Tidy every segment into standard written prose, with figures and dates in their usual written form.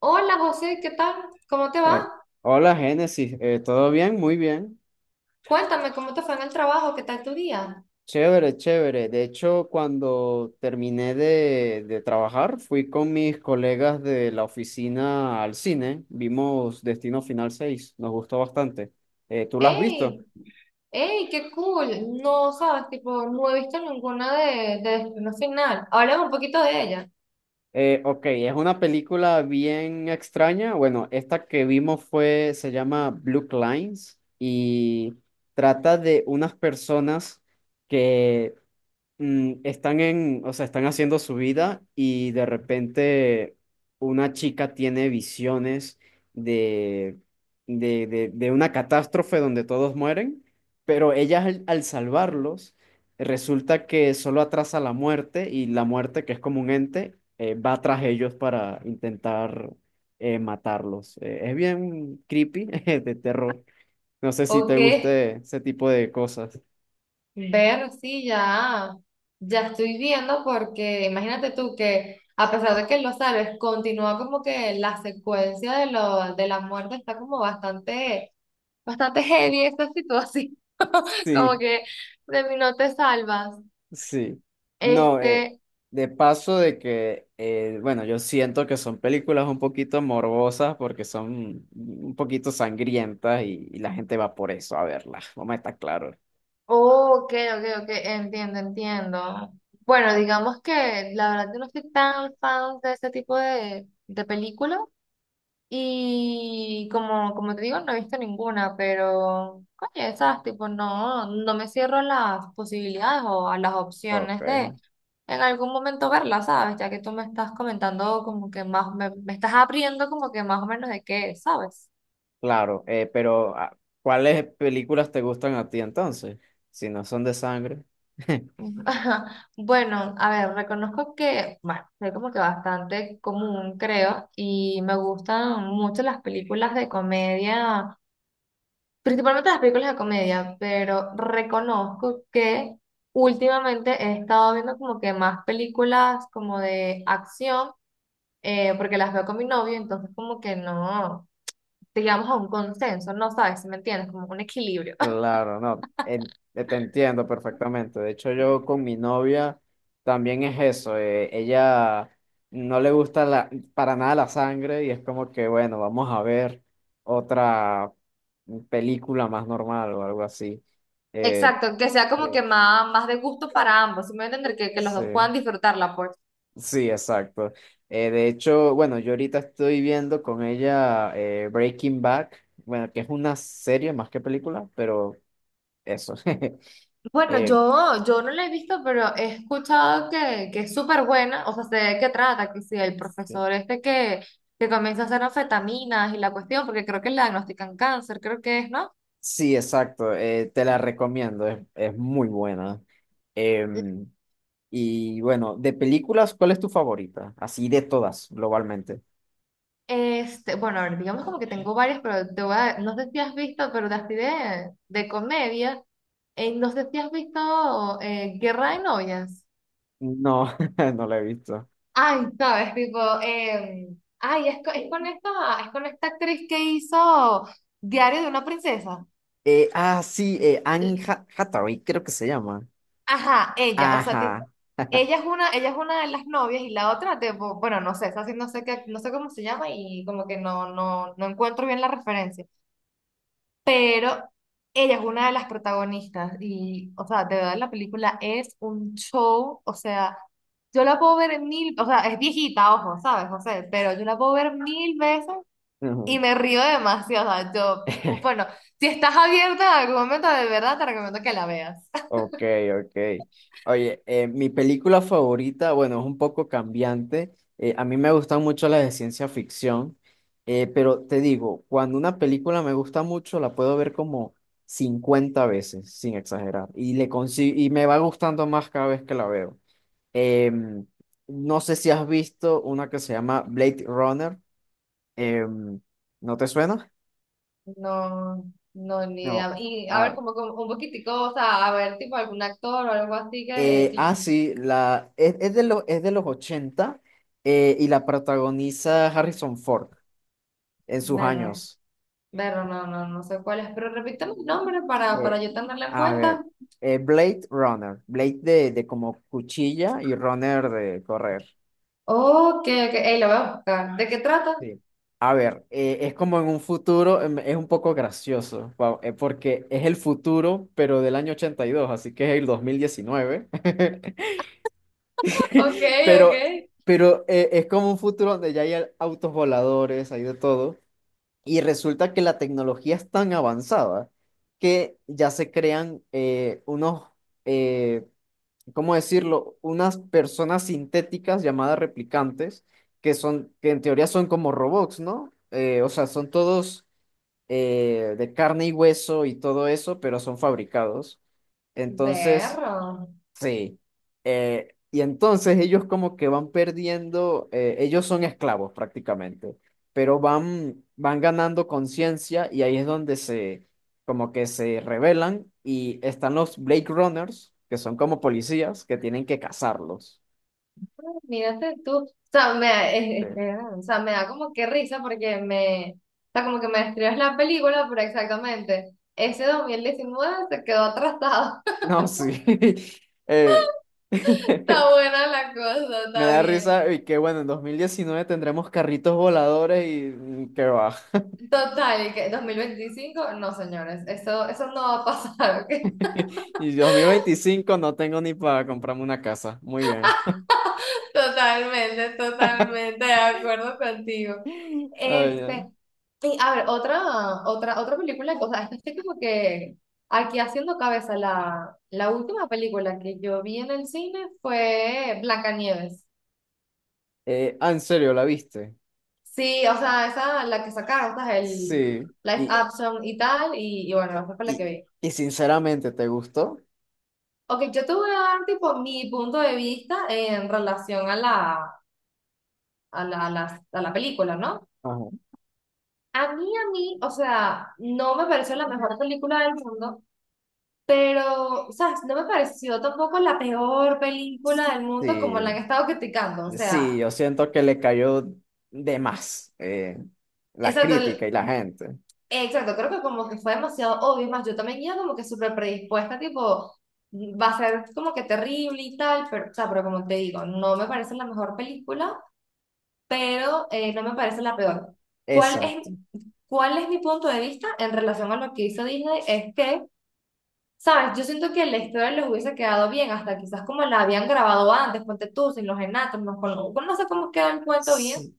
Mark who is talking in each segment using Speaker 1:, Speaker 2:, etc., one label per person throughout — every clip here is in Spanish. Speaker 1: Hola José, ¿qué tal? ¿Cómo te
Speaker 2: Eh,
Speaker 1: va?
Speaker 2: Hola Génesis, ¿todo bien? Muy bien.
Speaker 1: Cuéntame cómo te fue en el trabajo, ¿qué tal tu día?
Speaker 2: Chévere, chévere. De hecho, cuando terminé de trabajar, fui con mis colegas de la oficina al cine. Vimos Destino Final 6, nos gustó bastante. ¿Tú la has visto?
Speaker 1: ¡Ey! ¡Ey! ¡Qué cool! No sabes, tipo, no he visto ninguna de Destino Final. Háblame un poquito de ella.
Speaker 2: Ok, es una película bien extraña. Bueno, esta que vimos fue, se llama Blue Lines y trata de unas personas que están en, o sea, están haciendo su vida y de repente una chica tiene visiones de, de una catástrofe donde todos mueren, pero ella al salvarlos resulta que solo atrasa la muerte y la muerte, que es como un ente, va tras ellos para intentar matarlos. Es bien creepy, de terror. No sé si
Speaker 1: ¿O
Speaker 2: te
Speaker 1: qué?
Speaker 2: guste ese tipo de cosas.
Speaker 1: Ver, sí, ya estoy viendo porque imagínate tú que a pesar de que lo sabes, continúa como que la secuencia de, lo, de la muerte está como bastante heavy esta situación.
Speaker 2: Sí.
Speaker 1: Como que de mí no te salvas.
Speaker 2: Sí, no,
Speaker 1: Este.
Speaker 2: de paso de que, bueno, yo siento que son películas un poquito morbosas porque son un poquito sangrientas y la gente va por eso a verlas, vamos a estar claros.
Speaker 1: Ok, ok, ok, entiendo, entiendo. Bueno, digamos que la verdad yo no soy tan fan de ese tipo de películas y como, como te digo, no he visto ninguna, pero coño, esas tipo no, no me cierro a las posibilidades o a las
Speaker 2: Ok.
Speaker 1: opciones de en algún momento verlas, ¿sabes? Ya que tú me estás comentando como que más, me estás abriendo como que más o menos de qué, es, ¿sabes?
Speaker 2: Claro, pero ¿cuáles películas te gustan a ti entonces? Si no son de sangre.
Speaker 1: Ajá. Bueno, a ver, reconozco que, bueno, soy como que bastante común, creo, y me gustan mucho las películas de comedia, principalmente las películas de comedia, pero reconozco que últimamente he estado viendo como que más películas como de acción, porque las veo con mi novio, entonces como que no llegamos a un consenso, no sabes, si me entiendes, como un equilibrio.
Speaker 2: Claro, no, te entiendo perfectamente. De hecho, yo con mi novia también es eso. Ella no le gusta para nada la sangre y es como que, bueno, vamos a ver otra película más normal o algo así. Eh,
Speaker 1: Exacto, que sea
Speaker 2: Sí.
Speaker 1: como que más, más de gusto para ambos, si me voy a entender que los
Speaker 2: Sí,
Speaker 1: dos puedan disfrutarla, pues.
Speaker 2: sí, exacto. De hecho, bueno, yo ahorita estoy viendo con ella Breaking Bad, bueno, que es una serie más que película, pero eso.
Speaker 1: Bueno,
Speaker 2: Eh,
Speaker 1: yo no la he visto, pero he escuchado que es súper buena, o sea, sé de qué trata, que si el
Speaker 2: sí.
Speaker 1: profesor este que comienza a hacer anfetaminas y la cuestión, porque creo que le diagnostican cáncer, creo que es, ¿no?
Speaker 2: Sí, exacto. Te la recomiendo. Es muy buena. Em, y bueno, de películas, ¿cuál es tu favorita? Así de todas, globalmente.
Speaker 1: Este, bueno, a ver, digamos como que tengo varias, pero te voy a, no sé si has visto, pero de así de comedia, no sé si has visto Guerra de Novias.
Speaker 2: No, no la he visto.
Speaker 1: Ay, sabes, tipo, ay, es, co- es con esta actriz que hizo Diario de una princesa.
Speaker 2: Sí, Anne Hathaway, creo que se llama.
Speaker 1: Ajá, ella, o sea, tipo,
Speaker 2: Ajá.
Speaker 1: ella es una de las novias y la otra, tipo, bueno, no sé, esa sí no sé qué, no sé cómo se llama y como que no, no, no encuentro bien la referencia, pero ella es una de las protagonistas y, o sea, de verdad la película es un show, o sea, yo la puedo ver mil, o sea, es viejita, ojo, ¿sabes, José? Pero yo la puedo ver mil veces y
Speaker 2: Ujú.
Speaker 1: me río demasiado, o sea, yo, bueno, si estás abierta en algún momento, de verdad te recomiendo que la veas.
Speaker 2: Ok, ok. Oye, mi película favorita, bueno, es un poco cambiante. A mí me gustan mucho las de ciencia ficción, pero te digo, cuando una película me gusta mucho, la puedo ver como 50 veces, sin exagerar, y me va gustando más cada vez que la veo. Em, no sé si has visto una que se llama Blade Runner. Em, ¿No te suena?
Speaker 1: No, no, ni
Speaker 2: No.
Speaker 1: idea. Y a ver,
Speaker 2: Ah,
Speaker 1: como, como un poquitico, o sea, a ver, tipo algún actor o algo así que
Speaker 2: Sí, es de los 80, y la protagoniza Harrison Ford en sus
Speaker 1: verlo,
Speaker 2: años.
Speaker 1: verlo, no, no, no sé cuál es, pero repítame el nombre
Speaker 2: Eh,
Speaker 1: para yo tenerlo en
Speaker 2: a
Speaker 1: cuenta.
Speaker 2: ver, Blade Runner, Blade de como cuchilla y Runner de correr.
Speaker 1: Ok, ok, ey, lo voy a buscar. ¿De qué trata?
Speaker 2: Sí. A ver, es como en un futuro, es un poco gracioso. Wow, porque es el futuro, pero del año 82, así que es el 2019.
Speaker 1: Ok, ok.
Speaker 2: Pero, pero es como un futuro donde ya hay autos voladores, hay de todo. Y resulta que la tecnología es tan avanzada que ya se crean eh, ¿cómo decirlo? Unas personas sintéticas llamadas replicantes, que son, que en teoría son como robots, ¿no? O sea, son todos de carne y hueso y todo eso, pero son fabricados. Entonces.
Speaker 1: Berro.
Speaker 2: Sí. Y entonces ellos como que van perdiendo. Ellos son esclavos prácticamente, pero van ganando conciencia y ahí es donde como que se rebelan y están los Blade Runners, que son como policías que tienen que cazarlos.
Speaker 1: Mírate tú. O sea, me, da-
Speaker 2: Sí.
Speaker 1: es- o sea, me da como que risa porque me, o sea, como que me describes la película, pero exactamente, ese 2019 se quedó atrasado.
Speaker 2: No, sí. Eh,
Speaker 1: Está buena la cosa,
Speaker 2: me
Speaker 1: está
Speaker 2: da
Speaker 1: bien.
Speaker 2: risa y que bueno, en 2019 tendremos carritos voladores y que va.
Speaker 1: Total, ¿y que 25 no señores, eso no va a pasar, ¿ok?
Speaker 2: Y 2025 no tengo ni para comprarme una casa. Muy bien.
Speaker 1: Totalmente, totalmente de acuerdo contigo.
Speaker 2: Ay, ay.
Speaker 1: Este, y a ver, otra película, o sea, es que estoy como que aquí haciendo cabeza, la última película que yo vi en el cine fue Blancanieves.
Speaker 2: ¿En serio la viste?
Speaker 1: Sí, o sea, esa, la que sacaron, esa es el
Speaker 2: Sí.
Speaker 1: live
Speaker 2: Y,
Speaker 1: action y tal, y bueno, esa fue la que
Speaker 2: y,
Speaker 1: vi.
Speaker 2: y sinceramente, ¿te gustó?
Speaker 1: Ok, yo te voy a dar tipo mi punto de vista en relación a la película, ¿no?
Speaker 2: Ajá.
Speaker 1: A mí, o sea, no me pareció la mejor película del mundo, pero, ¿sabes? No me pareció tampoco la peor película del mundo como la han
Speaker 2: Sí,
Speaker 1: estado criticando, o
Speaker 2: sí,
Speaker 1: sea,
Speaker 2: yo siento que le cayó de más la
Speaker 1: exacto,
Speaker 2: crítica
Speaker 1: el-
Speaker 2: y la gente.
Speaker 1: exacto, creo que como que fue demasiado obvio, es más, yo también iba como que súper predispuesta, tipo, va a ser como que terrible y tal, pero, o sea, pero como te digo, no me parece la mejor película, pero no me parece la peor. ¿Cuál es,
Speaker 2: Exacto.
Speaker 1: cuál es mi punto de vista en relación a lo que hizo Disney? Es que, ¿sabes? Yo siento que la historia les hubiese quedado bien, hasta quizás como la habían grabado antes, ponte tú, sin los enanos, no, con- no sé cómo queda el cuento bien.
Speaker 2: Sí,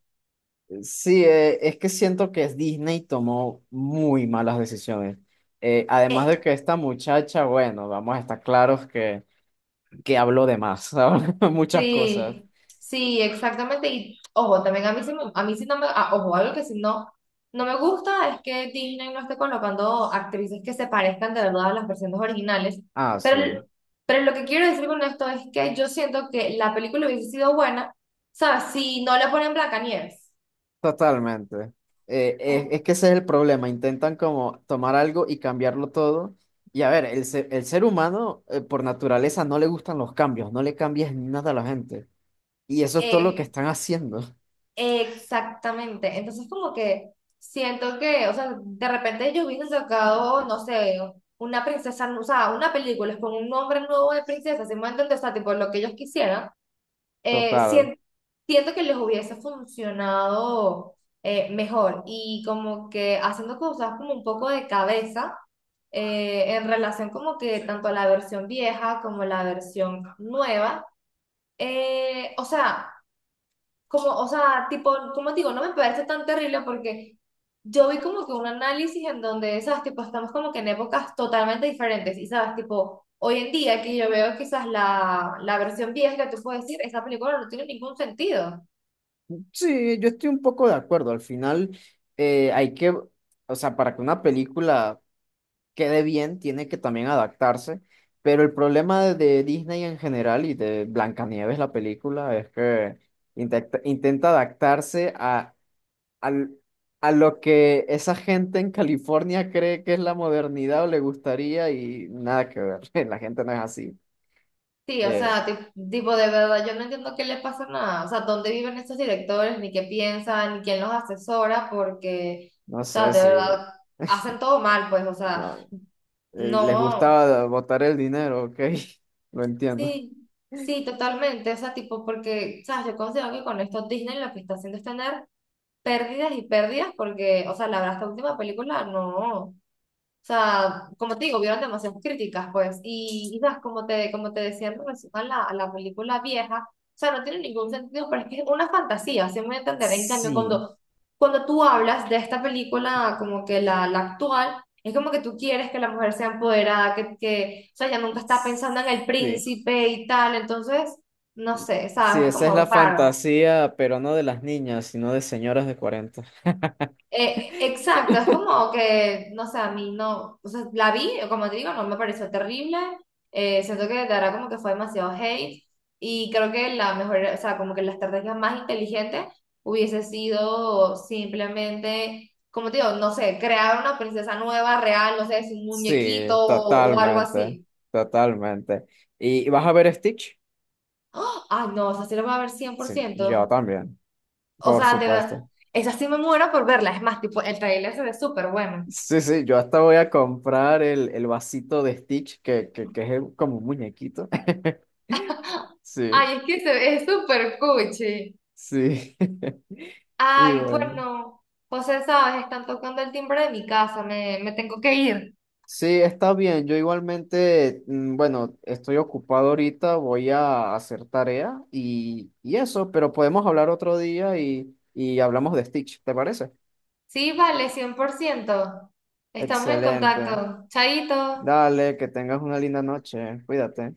Speaker 2: sí, es que siento que Disney tomó muy malas decisiones. Además
Speaker 1: Eh,
Speaker 2: de que esta muchacha, bueno, vamos a estar claros que habló de más, ¿sabes? Muchas cosas.
Speaker 1: Sí, sí, exactamente. Y ojo, también a mí sí, me- a mí sí no me, ah, ojo, algo que sí no, no me gusta es que Disney no esté colocando actrices que se parezcan de verdad a las versiones originales.
Speaker 2: Ah, sí,
Speaker 1: Pero, pero lo que quiero decir con esto es que yo siento que la película hubiese sido buena, ¿sabes? Si no le ponen Blancanieves.
Speaker 2: totalmente. Es que ese es el problema, intentan como tomar algo y cambiarlo todo. Y a ver, el ser humano, por naturaleza no le gustan los cambios, no le cambies nada a la gente. Y eso es todo lo que están haciendo.
Speaker 1: Exactamente. Entonces, como que siento que, o sea, de repente ellos hubiesen sacado, no sé, una princesa, o sea, una película con un nombre nuevo de princesa, si me entiendes, o sea, tipo lo que ellos quisieran,
Speaker 2: Total.
Speaker 1: sien- siento que les hubiese funcionado mejor. Y como que haciendo cosas como un poco de cabeza, en relación como que tanto a la versión vieja como la versión nueva. O sea, como, o sea, tipo, como digo, no me parece tan terrible porque yo vi como que un análisis en donde, sabes, tipo, estamos como que en épocas totalmente diferentes y, sabes, tipo, hoy en día que yo veo quizás la versión vieja, tú puedes decir, esa película no tiene ningún sentido.
Speaker 2: Sí, yo estoy un poco de acuerdo. Al final, hay que, o sea, para que una película quede bien, tiene que también adaptarse. Pero el problema de Disney en general y de Blancanieves, la película, es que intenta adaptarse al- a lo que esa gente en California cree que es la modernidad o le gustaría y nada que ver. La gente no es así.
Speaker 1: Sí, o
Speaker 2: Eh,
Speaker 1: sea, ti- tipo, de verdad, yo no entiendo qué le pasa nada, o sea, dónde viven estos directores, ni qué piensan, ni quién los asesora, porque,
Speaker 2: no
Speaker 1: o sea,
Speaker 2: sé
Speaker 1: de
Speaker 2: si
Speaker 1: verdad, hacen todo mal, pues, o sea,
Speaker 2: no, les
Speaker 1: no.
Speaker 2: gusta botar el dinero, ok. Lo entiendo.
Speaker 1: Sí, sí, totalmente. O sea, tipo, porque, ¿sabes? Yo considero que con esto Disney lo que está haciendo es tener pérdidas y pérdidas, porque, o sea, la verdad, esta última película no. O sea, como te digo, vieron demasiadas críticas, pues, y sabes, como te decía en relación a la película vieja, o sea, no tiene ningún sentido, pero es que es una fantasía, así me voy a entender. En cambio,
Speaker 2: Sí,
Speaker 1: cuando tú hablas de esta película, como que la actual, es como que tú quieres que la mujer sea empoderada, que, o sea, ella nunca está pensando en el
Speaker 2: sí.
Speaker 1: príncipe y tal, entonces, no sé,
Speaker 2: Sí,
Speaker 1: sabes, es
Speaker 2: esa es
Speaker 1: como
Speaker 2: la
Speaker 1: raro.
Speaker 2: fantasía, pero no de las niñas, sino de señoras de 40.
Speaker 1: Exacto, es como que, no sé, a mí no, o sea, la vi, como te digo, no me pareció terrible, siento que de verdad como que fue demasiado hate y creo que la mejor, o sea, como que la estrategia más inteligente hubiese sido simplemente, como te digo, no sé, crear una princesa nueva, real, no sé, es un muñequito
Speaker 2: Sí,
Speaker 1: o algo
Speaker 2: totalmente,
Speaker 1: así.
Speaker 2: totalmente. ¿Y vas a ver Stitch?
Speaker 1: ¡Ah! Ay, no, esa sí la voy a ver cien por
Speaker 2: Sí, yo
Speaker 1: ciento
Speaker 2: también,
Speaker 1: o
Speaker 2: por
Speaker 1: sea, de verdad,
Speaker 2: supuesto.
Speaker 1: esa sí me muero por verla, es más, tipo, el trailer se ve súper bueno.
Speaker 2: Sí, sí, yo hasta voy a comprar el vasito de Stitch, que es como un muñequito. Sí,
Speaker 1: Ay, es que se- es súper cuchi.
Speaker 2: sí. Y
Speaker 1: Ay,
Speaker 2: bueno.
Speaker 1: bueno, José, sabes, están tocando el timbre de mi casa, me tengo que ir.
Speaker 2: Sí, está bien. Yo igualmente, bueno, estoy ocupado ahorita, voy a hacer tarea y eso, pero podemos hablar otro día y hablamos de Stitch, ¿te parece?
Speaker 1: Sí, vale, 100%. Estamos en
Speaker 2: Excelente.
Speaker 1: contacto. Chaito.
Speaker 2: Dale, que tengas una linda noche. Cuídate.